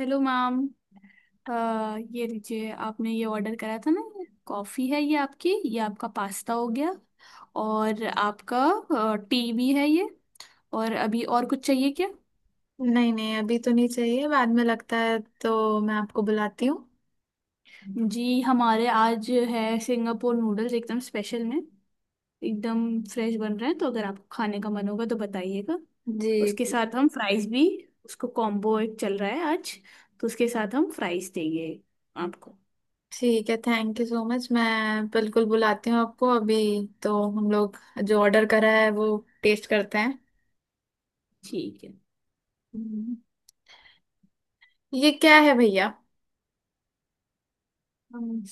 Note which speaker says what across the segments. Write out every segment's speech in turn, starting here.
Speaker 1: Hello ma'am. अ, ये लीजिए आपने ये ऑर्डर करा था ना, ये कॉफ़ी है, ये आपकी, ये आपका पास्ता हो गया और आपका टी भी है ये। और अभी और कुछ चाहिए क्या?
Speaker 2: नहीं नहीं अभी तो नहीं चाहिए, बाद में लगता है तो मैं आपको बुलाती हूँ।
Speaker 1: जी हमारे आज है सिंगापुर नूडल्स एकदम स्पेशल में, एकदम फ्रेश बन रहे हैं, तो अगर आपको खाने का मन होगा तो बताइएगा।
Speaker 2: जी
Speaker 1: उसके
Speaker 2: जी।
Speaker 1: साथ हम फ्राइज भी, उसको कॉम्बो एक चल रहा है आज तो उसके साथ हम फ्राइज देंगे आपको।
Speaker 2: ठीक है, थैंक यू सो मच। मैं बिल्कुल बुलाती हूँ आपको अभी। तो हम लोग जो ऑर्डर करा है वो टेस्ट करते हैं।
Speaker 1: ठीक है।
Speaker 2: हम्म, ये क्या है भैया?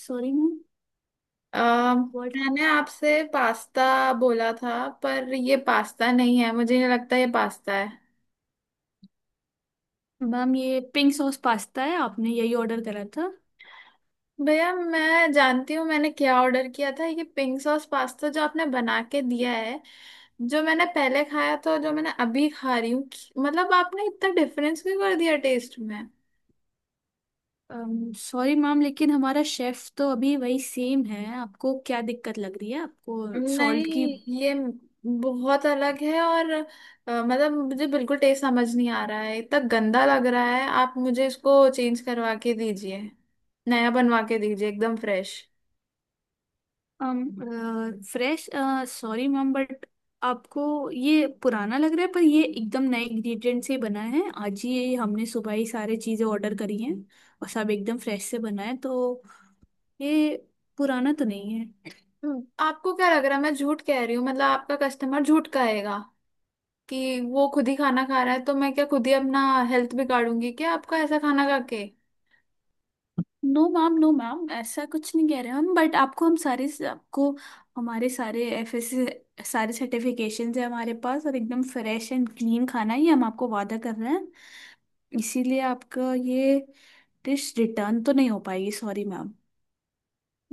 Speaker 1: Sorry ma'am.
Speaker 2: अ,
Speaker 1: व्हाट?
Speaker 2: मैंने आपसे पास्ता बोला था, पर ये पास्ता नहीं है, मुझे नहीं लगता ये पास्ता है।
Speaker 1: मैम ये पिंक सॉस पास्ता है, आपने यही ऑर्डर करा था।
Speaker 2: भैया मैं जानती हूँ मैंने क्या ऑर्डर किया था। ये पिंक सॉस पास्ता जो आपने बना के दिया है, जो मैंने पहले खाया था और जो मैंने अभी खा रही हूँ, मतलब आपने इतना डिफरेंस क्यों कर दिया टेस्ट में?
Speaker 1: सॉरी मैम, लेकिन हमारा शेफ तो अभी वही सेम है। आपको क्या दिक्कत लग रही है? आपको सॉल्ट की?
Speaker 2: नहीं, ये बहुत अलग है। और मतलब मुझे बिल्कुल टेस्ट समझ नहीं आ रहा है, इतना गंदा लग रहा है। आप मुझे इसको चेंज करवा के दीजिए, नया बनवा के दीजिए, एकदम fresh.
Speaker 1: Fresh. Sorry ma'am but आपको ये पुराना लग रहा है, पर ये एकदम नए इंग्रेडिएंट से बना है। आज ही ये हमने सुबह ही सारी चीज़ें ऑर्डर करी हैं और सब एकदम फ्रेश से बना है तो ये पुराना तो नहीं है।
Speaker 2: आपको क्या लग रहा है, मैं झूठ कह रही हूँ? मतलब आपका कस्टमर झूठ कहेगा कि वो खुद ही खाना खा रहा है? तो मैं क्या खुद ही अपना हेल्थ बिगाड़ूंगी क्या आपका ऐसा खाना खा के?
Speaker 1: नो मैम, नो मैम, ऐसा कुछ नहीं कह रहे हम। बट आपको हम सारे, आपको हमारे सारे FS, सारे सर्टिफिकेशन है हमारे पास, और एकदम फ्रेश एंड क्लीन खाना ही हम आपको वादा कर रहे हैं। इसीलिए आपका ये डिश रिटर्न तो नहीं हो पाएगी, सॉरी मैम।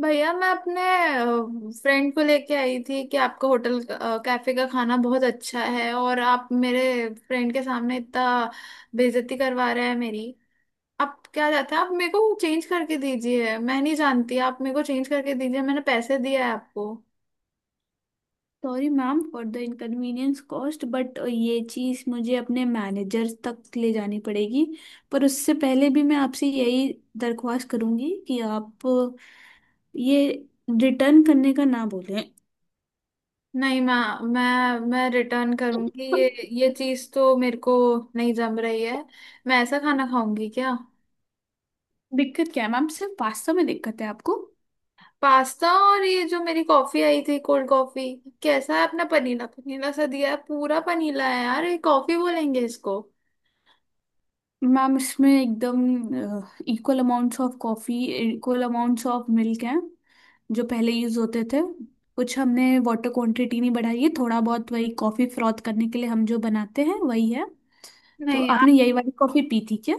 Speaker 2: भैया मैं अपने फ्रेंड को लेके आई थी कि आपका होटल कैफे का खाना बहुत अच्छा है, और आप मेरे फ्रेंड के सामने इतना बेइज्जती करवा रहे हैं मेरी। आप क्या जाते हैं? आप मेरे को चेंज करके दीजिए। मैं नहीं जानती, आप मेरे को चेंज करके दीजिए, मैंने पैसे दिए हैं आपको।
Speaker 1: Sorry ma'am for the inconvenience caused, but ये चीज़ मुझे अपने मैनेजर तक ले जानी पड़ेगी। पर उससे पहले भी मैं आपसे यही दरख्वास्त करूंगी कि आप ये रिटर्न करने का ना बोलें।
Speaker 2: नहीं, मैं रिटर्न करूंगी ये। ये
Speaker 1: दिक्कत
Speaker 2: चीज़ तो मेरे को नहीं जम रही है। मैं ऐसा खाना खाऊंगी क्या?
Speaker 1: क्या है मैम? सिर्फ पास्ता में दिक्कत है आपको?
Speaker 2: पास्ता, और ये जो मेरी कॉफी आई थी कोल्ड कॉफी, कैसा है अपना? पनीला पनीला सा दिया है, पूरा पनीला है यार। ये कॉफी बोलेंगे इसको?
Speaker 1: मैम इसमें एकदम equal amounts of coffee, equal amounts of milk हैं जो पहले यूज़ होते थे। कुछ हमने वाटर क्वांटिटी नहीं बढ़ाई है, थोड़ा बहुत वही कॉफ़ी फ्रॉथ करने के लिए हम जो बनाते हैं वही है। तो
Speaker 2: नहीं
Speaker 1: आपने
Speaker 2: आप,
Speaker 1: यही वाली कॉफ़ी पी थी क्या?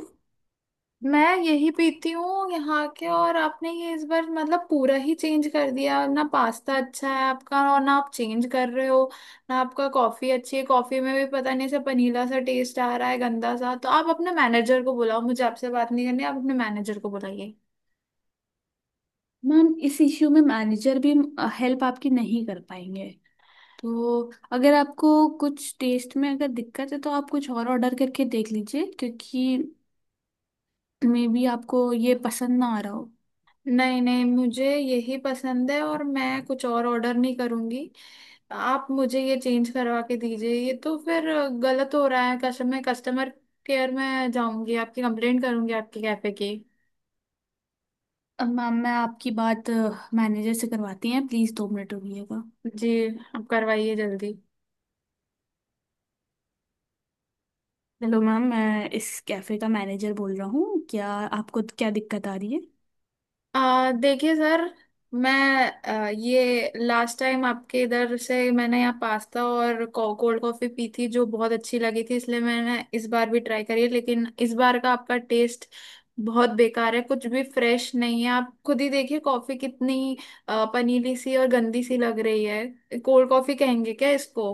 Speaker 2: मैं यही पीती हूँ यहाँ के, और आपने ये इस बार मतलब पूरा ही चेंज कर दिया ना। पास्ता अच्छा है आपका, और ना आप चेंज कर रहे हो, ना आपका कॉफी अच्छी है। कॉफी में भी पता नहीं ऐसा पनीला सा टेस्ट आ रहा है, गंदा सा। तो आप अपने मैनेजर को बुलाओ, मुझे आपसे बात नहीं करनी, आप अपने मैनेजर को बुलाइए।
Speaker 1: मैम इस इश्यू में मैनेजर भी हेल्प आपकी नहीं कर पाएंगे। तो अगर आपको कुछ टेस्ट में अगर दिक्कत है तो आप कुछ और ऑर्डर करके देख लीजिए, क्योंकि मे बी आपको ये पसंद ना आ रहा हो।
Speaker 2: नहीं नहीं, मुझे यही पसंद है और मैं कुछ और ऑर्डर नहीं करूंगी। आप मुझे ये चेंज करवा के दीजिए। ये तो फिर गलत हो रहा है। कस्टमर, मैं कस्टमर केयर में जाऊंगी, आपकी कंप्लेंट करूंगी आपके कैफे की।
Speaker 1: अब मैम मैं आपकी बात मैनेजर से करवाती हैं, प्लीज़ 2 मिनट रुकिएगा।
Speaker 2: जी। आप करवाइए जल्दी।
Speaker 1: हेलो मैम, मैं इस कैफ़े का मैनेजर बोल रहा हूँ। क्या आपको क्या दिक्कत आ रही है?
Speaker 2: देखिए सर, मैं ये लास्ट टाइम आपके इधर से मैंने यहाँ पास्ता और कोल्ड कॉफी पी थी जो बहुत अच्छी लगी थी, इसलिए मैंने इस बार भी ट्राई करी है। लेकिन इस बार का आपका टेस्ट बहुत बेकार है, कुछ भी फ्रेश नहीं है। आप खुद ही देखिए कॉफी कितनी पनीली सी और गंदी सी लग रही है। कोल्ड कॉफी कहेंगे क्या इसको?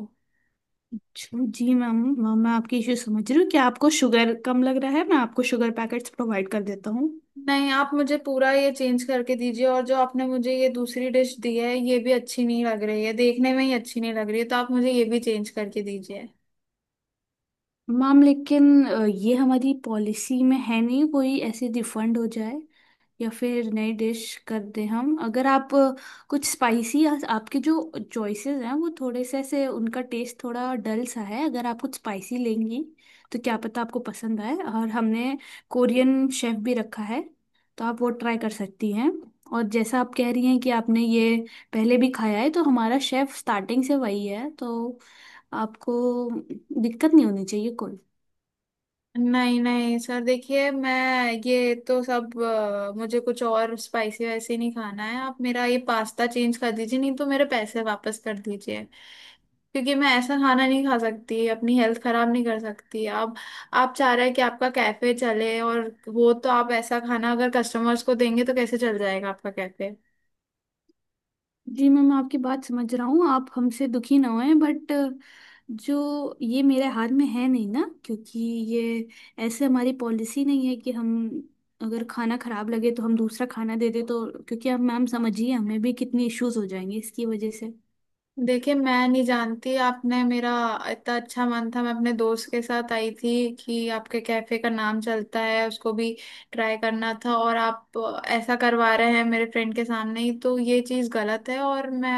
Speaker 1: अच्छा, जी मैम। मैम मैं आपकी इशू समझ रही हूँ। क्या आपको शुगर कम लग रहा है? मैं आपको शुगर पैकेट्स प्रोवाइड कर देता हूँ।
Speaker 2: नहीं, आप मुझे पूरा ये चेंज करके दीजिए। और जो आपने मुझे ये दूसरी डिश दी है, ये भी अच्छी नहीं लग रही है, देखने में ही अच्छी नहीं लग रही है, तो आप मुझे ये भी चेंज करके दीजिए।
Speaker 1: मैम लेकिन ये हमारी पॉलिसी में है नहीं कोई ऐसे रिफंड हो जाए या फिर नई डिश कर दें हम। अगर आप कुछ स्पाइसी, आपके जो चॉइसेस हैं वो थोड़े से ऐसे, उनका टेस्ट थोड़ा डल सा है। अगर आप कुछ स्पाइसी लेंगी तो क्या पता आपको पसंद आए। और हमने कोरियन शेफ भी रखा है, तो आप वो ट्राई कर सकती हैं। और जैसा आप कह रही हैं कि आपने ये पहले भी खाया है, तो हमारा शेफ स्टार्टिंग से वही है तो आपको दिक्कत नहीं होनी चाहिए कोई।
Speaker 2: नहीं नहीं सर, देखिए, मैं ये तो सब मुझे कुछ और स्पाइसी वाइसी नहीं खाना है। आप मेरा ये पास्ता चेंज कर दीजिए, नहीं तो मेरे पैसे वापस कर दीजिए। क्योंकि मैं ऐसा खाना नहीं खा सकती, अपनी हेल्थ खराब नहीं कर सकती। आप चाह रहे हैं कि आपका कैफे चले, और वो तो आप ऐसा खाना अगर कस्टमर्स को देंगे तो कैसे चल जाएगा आपका कैफे?
Speaker 1: जी मैम, मैं आपकी बात समझ रहा हूँ। आप हमसे दुखी ना होएं, बट जो ये मेरे हाथ में है नहीं ना, क्योंकि ये ऐसे हमारी पॉलिसी नहीं है कि हम अगर खाना खराब लगे तो हम दूसरा खाना दे दे। तो क्योंकि आप मैम समझिए, हमें भी कितनी इश्यूज हो जाएंगे इसकी वजह से।
Speaker 2: देखिए मैं नहीं जानती, आपने मेरा, इतना अच्छा मन था, मैं अपने दोस्त के साथ आई थी कि आपके कैफे का नाम चलता है, उसको भी ट्राई करना था। और आप ऐसा करवा रहे हैं मेरे फ्रेंड के सामने ही, तो ये चीज़ गलत है। और मैं,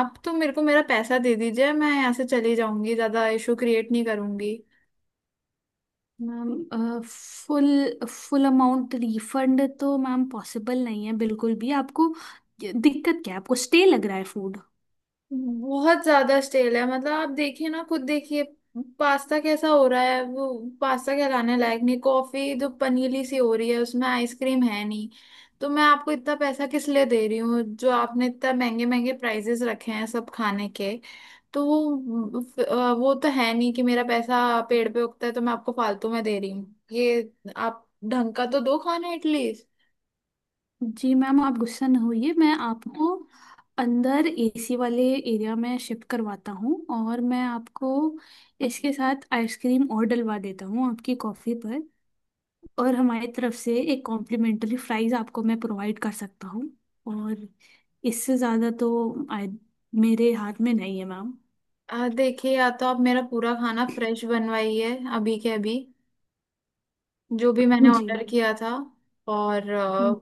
Speaker 2: आप तो मेरे को मेरा पैसा दे दीजिए, मैं यहाँ से चली जाऊंगी, ज़्यादा इशू क्रिएट नहीं करूंगी।
Speaker 1: Ma'am full full amount refund तो मैम पॉसिबल नहीं है बिल्कुल भी। आपको दिक्कत क्या है? आपको स्टे लग रहा है फूड?
Speaker 2: बहुत ज्यादा स्टेल है। मतलब आप देखिए ना, खुद देखिए पास्ता कैसा हो रहा है। वो पास्ता कहलाने लायक नहीं। कॉफी जो पनीली सी हो रही है उसमें आइसक्रीम है नहीं, तो मैं आपको इतना पैसा किस लिए दे रही हूँ? जो आपने इतना महंगे महंगे प्राइजेस रखे हैं सब खाने के। तो वो वो तो है नहीं कि मेरा पैसा पेड़ पे उगता है तो मैं आपको फालतू में दे रही हूँ। ये आप ढंग का तो दो खाना एटलीस्ट।
Speaker 1: जी मैम आप गुस्सा न होइए, मैं आपको अंदर एसी वाले एरिया में शिफ्ट करवाता हूँ, और मैं आपको इसके साथ आइसक्रीम और डलवा देता हूँ आपकी कॉफ़ी पर। और हमारी तरफ से एक कॉम्प्लीमेंट्री फ्राइज़ आपको मैं प्रोवाइड कर सकता हूँ। और इससे ज़्यादा तो I- मेरे हाथ में नहीं है मैम।
Speaker 2: देखिए, या तो आप मेरा पूरा खाना फ्रेश बनवाइए अभी के अभी, जो भी मैंने
Speaker 1: जी
Speaker 2: ऑर्डर किया था, और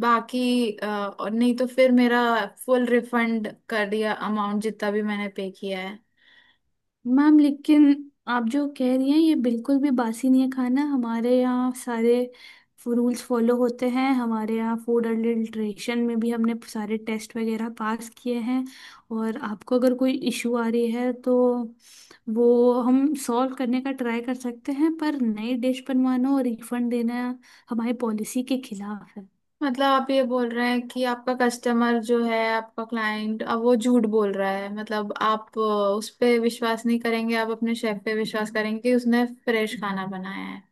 Speaker 2: बाकी और नहीं तो फिर मेरा फुल रिफंड कर दिया अमाउंट जितना भी मैंने पे किया है।
Speaker 1: मैम लेकिन आप जो कह रही हैं, ये बिल्कुल भी बासी नहीं है खाना। हमारे यहाँ सारे रूल्स फॉलो होते हैं, हमारे यहाँ फूड अडल्ट्रेशन में भी हमने सारे टेस्ट वगैरह पास किए हैं। और आपको अगर कोई इशू आ रही है तो वो हम सॉल्व करने का ट्राई कर सकते हैं, पर नई डिश बनवाना और रिफंड देना हमारी पॉलिसी के खिलाफ है।
Speaker 2: मतलब आप ये बोल रहे हैं कि आपका कस्टमर जो है, आपका क्लाइंट, अब वो झूठ बोल रहा है? मतलब आप उस पे विश्वास नहीं करेंगे, आप अपने शेफ पे विश्वास करेंगे कि उसने फ्रेश खाना बनाया है?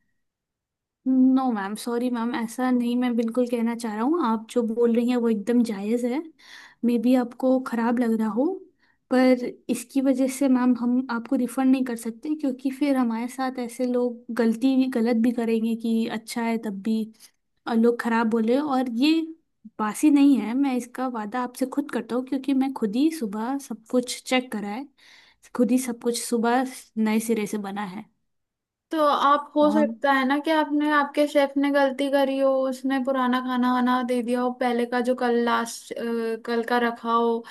Speaker 1: नो मैम, सॉरी मैम, ऐसा नहीं मैं बिल्कुल कहना चाह रहा हूँ। आप जो बोल रही हैं वो एकदम जायज़ है। मे बी आपको ख़राब लग रहा हो, पर इसकी वजह से मैम हम आपको रिफ़ंड नहीं कर सकते, क्योंकि फिर हमारे साथ ऐसे लोग गलती भी, गलत भी करेंगे कि अच्छा है तब भी और लोग ख़राब बोले। और ये बासी नहीं है, मैं इसका वादा आपसे खुद करता हूँ, क्योंकि मैं खुद ही सुबह सब कुछ चेक करा है। खुद ही सब कुछ सुबह नए सिरे से बना
Speaker 2: तो आप, हो
Speaker 1: है।
Speaker 2: सकता है ना कि आपने, आपके शेफ ने गलती करी हो, उसने पुराना खाना वाना दे दिया हो, पहले का जो कल लास्ट, कल का रखा हो।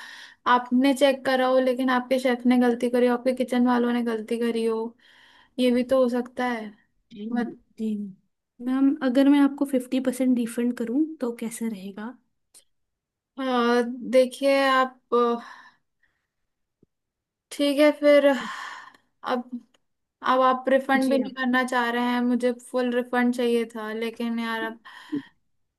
Speaker 2: आपने चेक करा हो लेकिन आपके शेफ ने गलती करी हो, आपके किचन वालों ने गलती करी हो, ये भी तो हो सकता है।
Speaker 1: जी।
Speaker 2: मत
Speaker 1: जी। मैम अगर मैं आपको 50% रिफंड करूं तो कैसा रहेगा?
Speaker 2: अ, देखिए, आप ठीक है फिर। अब अब आप रिफंड
Speaker 1: जी
Speaker 2: भी नहीं
Speaker 1: आप।
Speaker 2: करना चाह रहे हैं? मुझे फुल रिफंड चाहिए था, लेकिन यार अब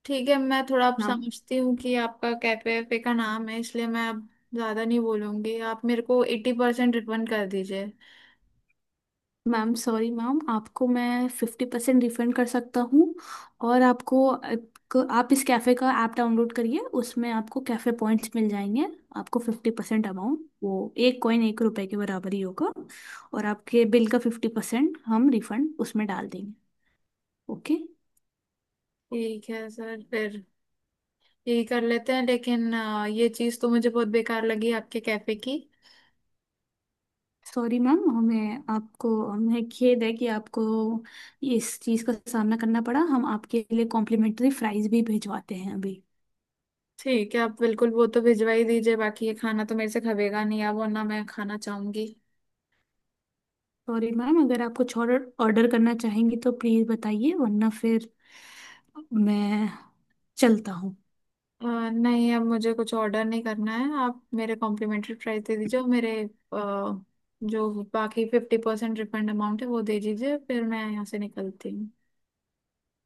Speaker 2: ठीक है। मैं थोड़ा आप
Speaker 1: मैम,
Speaker 2: समझती हूँ कि आपका कैफे पे का नाम है, इसलिए मैं अब ज्यादा नहीं बोलूंगी। आप मेरे को 80% रिफंड कर दीजिए।
Speaker 1: सॉरी मैम, आपको मैं 50% रिफंड कर सकता हूँ। और आपको, आप इस कैफ़े का ऐप डाउनलोड करिए, उसमें आपको कैफ़े पॉइंट्स मिल जाएंगे। आपको फिफ्टी परसेंट अमाउंट, वो एक कॉइन एक रुपए के बराबर ही होगा, और आपके बिल का 50% हम रिफंड उसमें डाल देंगे। ओके।
Speaker 2: ठीक है सर, फिर यही कर लेते हैं। लेकिन ये चीज़ तो मुझे बहुत बेकार लगी आपके कैफे की।
Speaker 1: सॉरी मैम, हमें आपको, हमें खेद है कि आपको इस चीज़ का सामना करना पड़ा। हम आपके लिए कॉम्प्लीमेंट्री फ्राइज भी भिजवाते हैं अभी।
Speaker 2: ठीक है, आप बिल्कुल वो तो भिजवा ही दीजिए। बाकी ये खाना तो मेरे से खबेगा नहीं अब, वरना मैं खाना चाहूंगी।
Speaker 1: सॉरी मैम, अगर आप कुछ ऑर्डर ऑर्डर करना चाहेंगी तो प्लीज़ बताइए, वरना फिर मैं चलता हूँ।
Speaker 2: अ, नहीं, अब मुझे कुछ ऑर्डर नहीं करना है। आप मेरे कॉम्प्लीमेंट्री प्राइस दे दीजिए, और मेरे जो बाकी 50% रिफंड अमाउंट है वो दे दीजिए, फिर मैं यहाँ से निकलती हूँ।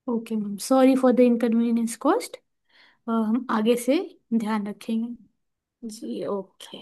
Speaker 1: Okay ma'am, sorry for the inconvenience caused. हम आगे से ध्यान रखेंगे।
Speaker 2: जी, ओके।